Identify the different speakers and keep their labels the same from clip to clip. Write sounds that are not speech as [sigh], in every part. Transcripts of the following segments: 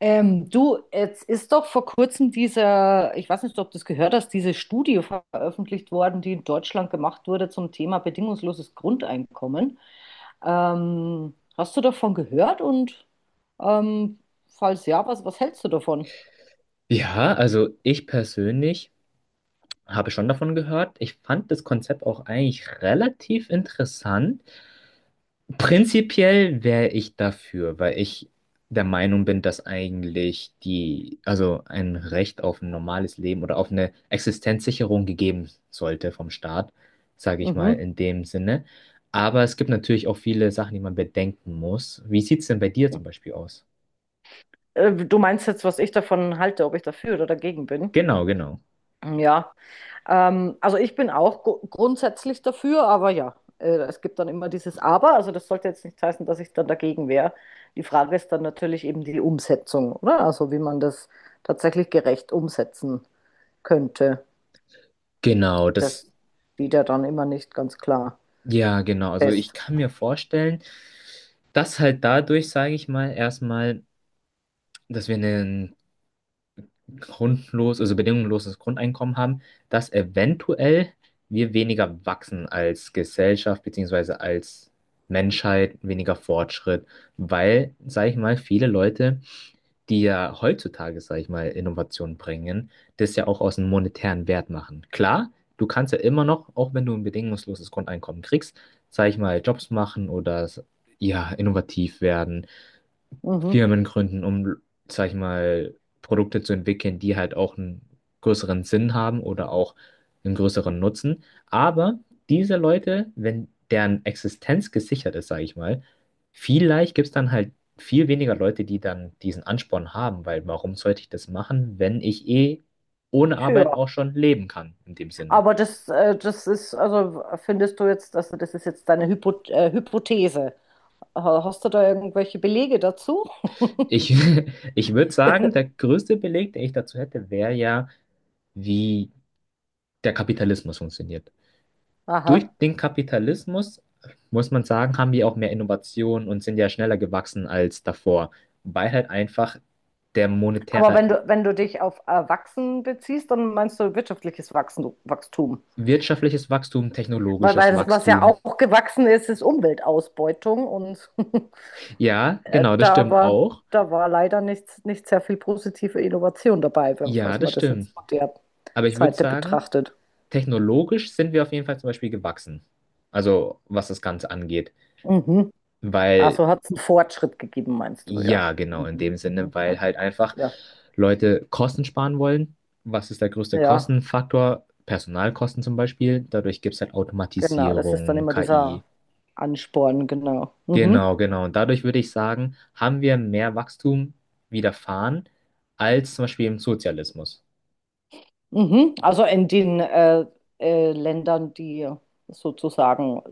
Speaker 1: Du, jetzt ist doch vor kurzem dieser, ich weiß nicht, ob du das gehört hast, diese Studie veröffentlicht worden, die in Deutschland gemacht wurde zum Thema bedingungsloses Grundeinkommen. Hast du davon gehört und ähm, falls ja, was hältst du davon?
Speaker 2: Ja, also ich persönlich habe schon davon gehört. Ich fand das Konzept auch eigentlich relativ interessant. Prinzipiell wäre ich dafür, weil ich der Meinung bin, dass eigentlich die, also ein Recht auf ein normales Leben oder auf eine Existenzsicherung gegeben sollte vom Staat, sage ich mal
Speaker 1: Mhm.
Speaker 2: in dem Sinne. Aber es gibt natürlich auch viele Sachen, die man bedenken muss. Wie sieht es denn bei dir zum Beispiel aus?
Speaker 1: Du meinst jetzt, was ich davon halte, ob ich dafür oder dagegen bin?
Speaker 2: Genau, genau.
Speaker 1: Ja. Also ich bin auch grundsätzlich dafür, aber ja, es gibt dann immer dieses Aber. Also das sollte jetzt nicht heißen, dass ich dann dagegen wäre. Die Frage ist dann natürlich eben die Umsetzung, oder? Also wie man das tatsächlich gerecht umsetzen könnte.
Speaker 2: Genau, das,
Speaker 1: Das steht ja dann immer nicht ganz klar
Speaker 2: ja, genau. Also ich
Speaker 1: fest.
Speaker 2: kann mir vorstellen, das halt dadurch, sage ich mal, erstmal, dass wir ein grundlos, also bedingungsloses Grundeinkommen haben, dass eventuell wir weniger wachsen als Gesellschaft beziehungsweise als Menschheit, weniger Fortschritt, weil, sage ich mal, viele Leute, die ja heutzutage, sage ich mal, Innovationen bringen, das ja auch aus einem monetären Wert machen. Klar, du kannst ja immer noch, auch wenn du ein bedingungsloses Grundeinkommen kriegst, sage ich mal, Jobs machen oder ja, innovativ werden,
Speaker 1: Mhm.
Speaker 2: Firmen gründen, um, sag ich mal, Produkte zu entwickeln, die halt auch einen größeren Sinn haben oder auch einen größeren Nutzen. Aber diese Leute, wenn deren Existenz gesichert ist, sag ich mal, vielleicht gibt es dann halt viel weniger Leute, die dann diesen Ansporn haben, weil warum sollte ich das machen, wenn ich eh ohne Arbeit
Speaker 1: Tja,
Speaker 2: auch schon leben kann, in dem Sinne.
Speaker 1: aber das ist, also findest du jetzt, also das ist jetzt deine Hypothese. Hast du da irgendwelche Belege dazu?
Speaker 2: Ich, [laughs] ich würde sagen, der größte Beleg, den ich dazu hätte, wäre ja, wie der Kapitalismus funktioniert.
Speaker 1: Aha.
Speaker 2: Durch den Kapitalismus, muss man sagen, haben die auch mehr Innovationen und sind ja schneller gewachsen als davor, weil halt einfach der
Speaker 1: Aber
Speaker 2: monetäre,
Speaker 1: wenn du dich auf Wachsen beziehst, dann meinst du wirtschaftliches Wachsen, Wachstum.
Speaker 2: wirtschaftliches Wachstum,
Speaker 1: Weil
Speaker 2: technologisches
Speaker 1: das, was ja
Speaker 2: Wachstum.
Speaker 1: auch gewachsen ist, ist Umweltausbeutung. Und
Speaker 2: Ja, genau,
Speaker 1: [laughs]
Speaker 2: das
Speaker 1: da
Speaker 2: stimmt
Speaker 1: war,
Speaker 2: auch.
Speaker 1: da war leider nicht sehr viel positive Innovation dabei,
Speaker 2: Ja,
Speaker 1: falls
Speaker 2: das
Speaker 1: man das jetzt
Speaker 2: stimmt.
Speaker 1: von der
Speaker 2: Aber ich würde
Speaker 1: Seite
Speaker 2: sagen,
Speaker 1: betrachtet.
Speaker 2: technologisch sind wir auf jeden Fall zum Beispiel gewachsen. Also was das Ganze angeht.
Speaker 1: Mhm.
Speaker 2: Weil
Speaker 1: Also hat es einen Fortschritt gegeben, meinst du, ja.
Speaker 2: ja, genau, in
Speaker 1: Mhm.
Speaker 2: dem Sinne,
Speaker 1: Mhm. Ah,
Speaker 2: weil halt einfach
Speaker 1: ja,
Speaker 2: Leute Kosten sparen wollen. Was ist der größte
Speaker 1: ja,
Speaker 2: Kostenfaktor? Personalkosten zum Beispiel. Dadurch gibt es halt
Speaker 1: genau. Das ist dann
Speaker 2: Automatisierung,
Speaker 1: immer
Speaker 2: KI.
Speaker 1: dieser Ansporn, genau. Mhm.
Speaker 2: Genau, genau. Und dadurch würde ich sagen, haben wir mehr Wachstum widerfahren als zum Beispiel im Sozialismus.
Speaker 1: Mhm. Also in den Ländern, die sozusagen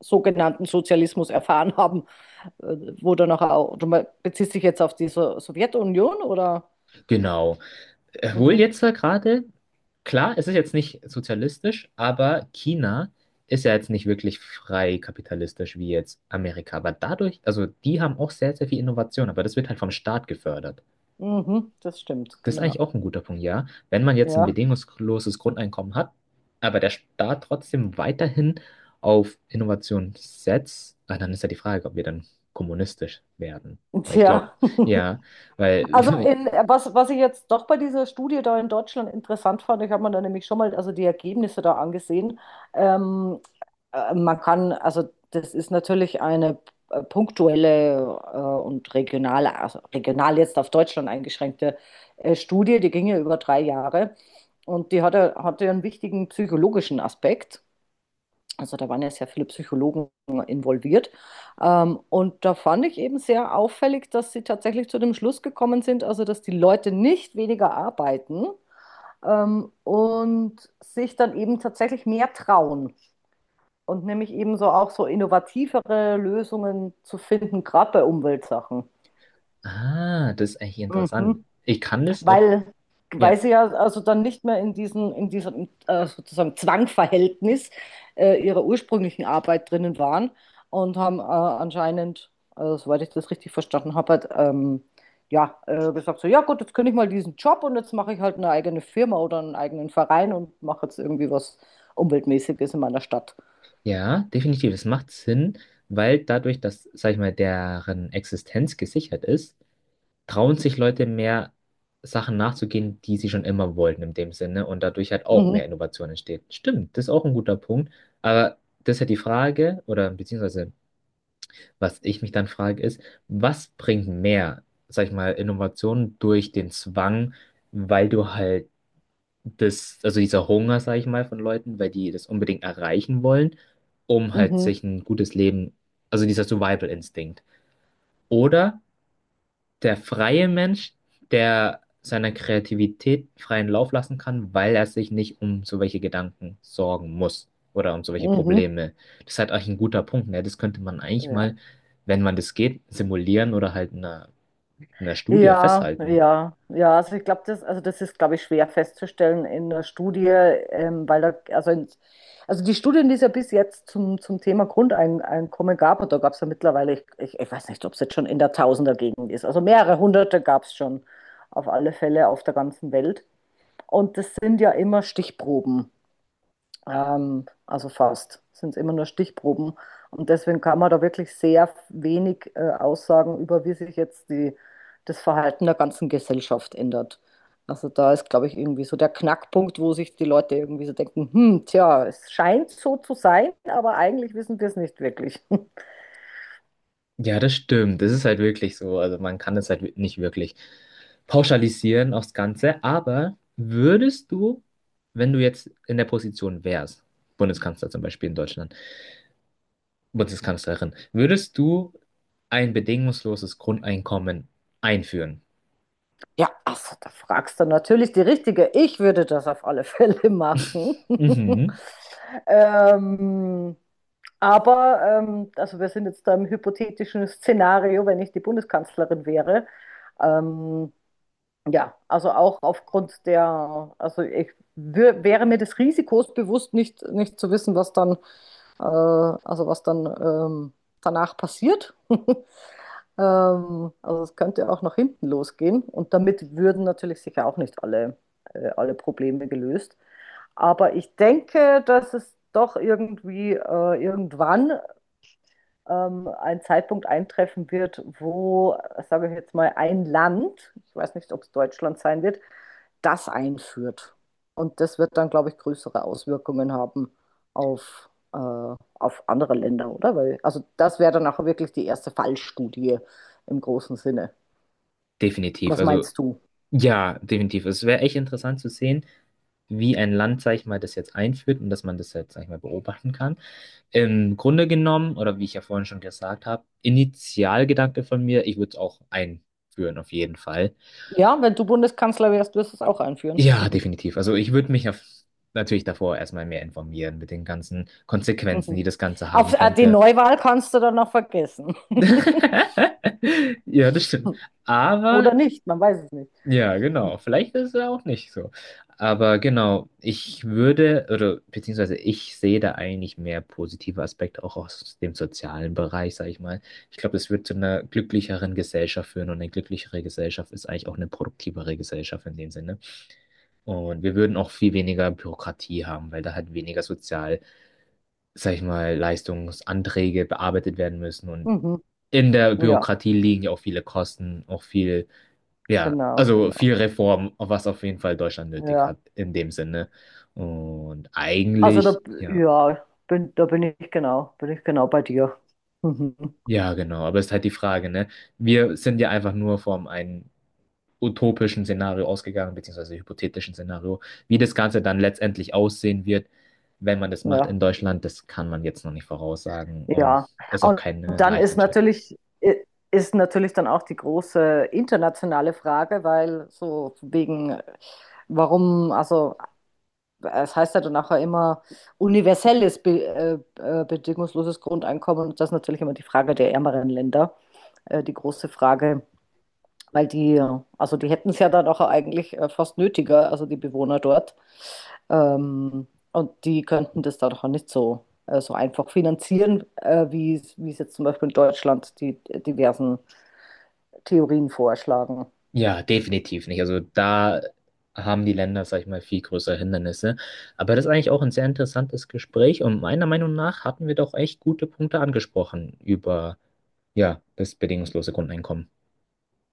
Speaker 1: sogenannten Sozialismus erfahren haben, äh, wo dann auch, beziehst dich jetzt auf die so Sowjetunion oder?
Speaker 2: Genau. Obwohl
Speaker 1: Mhm.
Speaker 2: jetzt da gerade, klar, es ist jetzt nicht sozialistisch, aber China ist ja jetzt nicht wirklich frei kapitalistisch wie jetzt Amerika. Aber dadurch, also die haben auch sehr, sehr viel Innovation, aber das wird halt vom Staat gefördert.
Speaker 1: Mhm. Das stimmt,
Speaker 2: Das ist eigentlich
Speaker 1: genau.
Speaker 2: auch ein guter Punkt, ja. Wenn man jetzt ein
Speaker 1: Ja.
Speaker 2: bedingungsloses Grundeinkommen hat, aber der Staat trotzdem weiterhin auf Innovation setzt, ah, dann ist ja die Frage, ob wir dann kommunistisch werden.
Speaker 1: [laughs]
Speaker 2: Weil ich glaube,
Speaker 1: Tja.
Speaker 2: ja,
Speaker 1: Also
Speaker 2: weil
Speaker 1: in,
Speaker 2: [laughs]
Speaker 1: was, was ich jetzt doch bei dieser Studie da in Deutschland interessant fand, ich habe mir da nämlich schon mal also die Ergebnisse da angesehen. Ähm, Man kann, also das ist natürlich eine punktuelle und regionale, also regional jetzt auf Deutschland eingeschränkte Studie, die ging ja über 3 Jahre und die hatte einen wichtigen psychologischen Aspekt. Also da waren ja sehr viele Psychologen involviert. Und da fand ich eben sehr auffällig, dass sie tatsächlich zu dem Schluss gekommen sind, also dass die Leute nicht weniger arbeiten und sich dann eben tatsächlich mehr trauen und nämlich eben so auch so innovativere Lösungen zu finden, gerade bei Umweltsachen.
Speaker 2: ah, das ist eigentlich interessant.
Speaker 1: Mhm.
Speaker 2: Ich kann das auch,
Speaker 1: Weil, weil
Speaker 2: ja,
Speaker 1: sie ja also dann nicht mehr in diesem sozusagen Zwangverhältnis ihrer ursprünglichen Arbeit drinnen waren und haben anscheinend, also, soweit ich das richtig verstanden habe, halt, ja, gesagt so, ja gut, jetzt kündige ich mal diesen Job und jetzt mache ich halt eine eigene Firma oder einen eigenen Verein und mache jetzt irgendwie was Umweltmäßiges in meiner Stadt.
Speaker 2: ja, definitiv. Es macht Sinn, weil dadurch, dass, sag ich mal, deren Existenz gesichert ist, trauen sich Leute mehr Sachen nachzugehen, die sie schon immer wollten in dem Sinne und dadurch halt auch
Speaker 1: Mhm,
Speaker 2: mehr Innovation entsteht. Stimmt, das ist auch ein guter Punkt. Aber das ist ja die Frage, oder beziehungsweise was ich mich dann frage, ist, was bringt mehr, sag ich mal, Innovation durch den Zwang, weil du halt das, also dieser Hunger, sage ich mal, von Leuten, weil die das unbedingt erreichen wollen, um halt
Speaker 1: mhm,
Speaker 2: sich ein gutes Leben, also dieser Survival-Instinkt. Oder der freie Mensch, der seiner Kreativität freien Lauf lassen kann, weil er sich nicht um so welche Gedanken sorgen muss oder um so welche
Speaker 1: mhm.
Speaker 2: Probleme. Das ist halt eigentlich ein guter Punkt, ne? Das könnte man eigentlich
Speaker 1: Ja.
Speaker 2: mal, wenn man das geht, simulieren oder halt in einer Studie
Speaker 1: Ja,
Speaker 2: festhalten.
Speaker 1: ja, ja. Also ich glaube, das, also das ist, glaube ich, schwer festzustellen in der Studie, weil da, also, in, also die Studien, die es ja bis jetzt zum Thema Grundeinkommen gab, und da gab es ja mittlerweile, ich weiß nicht, ob es jetzt schon in der Tausendergegend ist, also mehrere hunderte gab es schon auf alle Fälle auf der ganzen Welt. Und das sind ja immer Stichproben. Also fast. Sind immer nur Stichproben. Und deswegen kann man da wirklich sehr wenig aussagen über, wie sich jetzt die, das Verhalten der ganzen Gesellschaft ändert. Also da ist, glaube ich, irgendwie so der Knackpunkt, wo sich die Leute irgendwie so denken, hm, tja, es scheint so zu sein, aber eigentlich wissen wir es nicht wirklich. [laughs]
Speaker 2: Ja, das stimmt. Das ist halt wirklich so. Also man kann es halt nicht wirklich pauschalisieren aufs Ganze. Aber würdest du, wenn du jetzt in der Position wärst, Bundeskanzler zum Beispiel in Deutschland, Bundeskanzlerin, würdest du ein bedingungsloses Grundeinkommen einführen?
Speaker 1: Ja, also da fragst du natürlich die Richtige. Ich würde das auf alle Fälle machen. [laughs]
Speaker 2: Mhm.
Speaker 1: ähm, Aber, also wir sind jetzt da im hypothetischen Szenario, wenn ich die Bundeskanzlerin wäre. Ähm, ja, also auch aufgrund der, also ich wäre mir des Risikos bewusst, nicht zu wissen, was dann, also was dann danach passiert. [laughs] Also es könnte auch nach hinten losgehen. Und damit würden natürlich sicher auch nicht alle, alle Probleme gelöst. Aber ich denke, dass es doch irgendwie irgendwann ein Zeitpunkt eintreffen wird, wo, sage ich jetzt mal, ein Land, ich weiß nicht, ob es Deutschland sein wird, das einführt. Und das wird dann, glaube ich, größere Auswirkungen haben auf, äh, auf andere Länder, oder? Weil, also das wäre dann auch wirklich die erste Fallstudie im großen Sinne.
Speaker 2: Definitiv.
Speaker 1: Was
Speaker 2: Also
Speaker 1: meinst du?
Speaker 2: ja, definitiv. Es wäre echt interessant zu sehen, wie ein Land, sag ich mal, das jetzt einführt und dass man das jetzt, sag ich mal, beobachten kann. Im Grunde genommen, oder wie ich ja vorhin schon gesagt habe, Initialgedanke von mir, ich würde es auch einführen, auf jeden Fall.
Speaker 1: Ja, wenn du Bundeskanzler wärst, wirst du es auch einführen.
Speaker 2: Ja, definitiv. Also ich würde mich auf, natürlich davor erstmal mehr informieren mit den ganzen Konsequenzen,
Speaker 1: Mhm.
Speaker 2: die das Ganze
Speaker 1: Auf,
Speaker 2: haben
Speaker 1: die
Speaker 2: könnte.
Speaker 1: Neuwahl kannst du dann noch vergessen. [laughs]
Speaker 2: [laughs] Ja, das stimmt. Aber
Speaker 1: Oder nicht, man weiß es nicht.
Speaker 2: ja, genau. Vielleicht ist es ja auch nicht so. Aber genau, ich würde, oder beziehungsweise ich sehe da eigentlich mehr positive Aspekte auch aus dem sozialen Bereich, sage ich mal. Ich glaube, das wird zu einer glücklicheren Gesellschaft führen und eine glücklichere Gesellschaft ist eigentlich auch eine produktivere Gesellschaft in dem Sinne. Und wir würden auch viel weniger Bürokratie haben, weil da halt weniger sozial, sage ich mal, Leistungsanträge bearbeitet werden müssen. Und
Speaker 1: Mhm.
Speaker 2: in der
Speaker 1: Ja,
Speaker 2: Bürokratie liegen ja auch viele Kosten, auch viel ja,
Speaker 1: genau,
Speaker 2: also
Speaker 1: genau.
Speaker 2: viel Reform, was auf jeden Fall Deutschland nötig
Speaker 1: Ja.
Speaker 2: hat, in dem Sinne. Und
Speaker 1: Also da,
Speaker 2: eigentlich, ja,
Speaker 1: ja, da bin ich genau bei dir. Mhm.
Speaker 2: ja, genau, aber es ist halt die Frage, ne? Wir sind ja einfach nur vom einem utopischen Szenario ausgegangen, beziehungsweise hypothetischen Szenario. Wie das Ganze dann letztendlich aussehen wird, wenn man das macht
Speaker 1: Ja,
Speaker 2: in Deutschland, das kann man jetzt noch nicht voraussagen und
Speaker 1: ja.
Speaker 2: ist auch
Speaker 1: Und
Speaker 2: keine
Speaker 1: dann
Speaker 2: leichte
Speaker 1: ist
Speaker 2: Entscheidung.
Speaker 1: natürlich, i- ist natürlich dann auch die große internationale Frage, weil so wegen, warum, also es heißt ja dann auch ja immer universelles, be bedingungsloses Grundeinkommen und das ist natürlich immer die Frage der ärmeren Länder, die große Frage. Weil die, also die hätten es ja dann auch eigentlich fast nötiger, also die Bewohner dort. Ähm, und die könnten das dann auch nicht so, so einfach finanzieren, wie es jetzt zum Beispiel in Deutschland die diversen Theorien vorschlagen.
Speaker 2: Ja, definitiv nicht. Also da haben die Länder, sag ich mal, viel größere Hindernisse. Aber das ist eigentlich auch ein sehr interessantes Gespräch und meiner Meinung nach hatten wir doch echt gute Punkte angesprochen über, ja, das bedingungslose Grundeinkommen.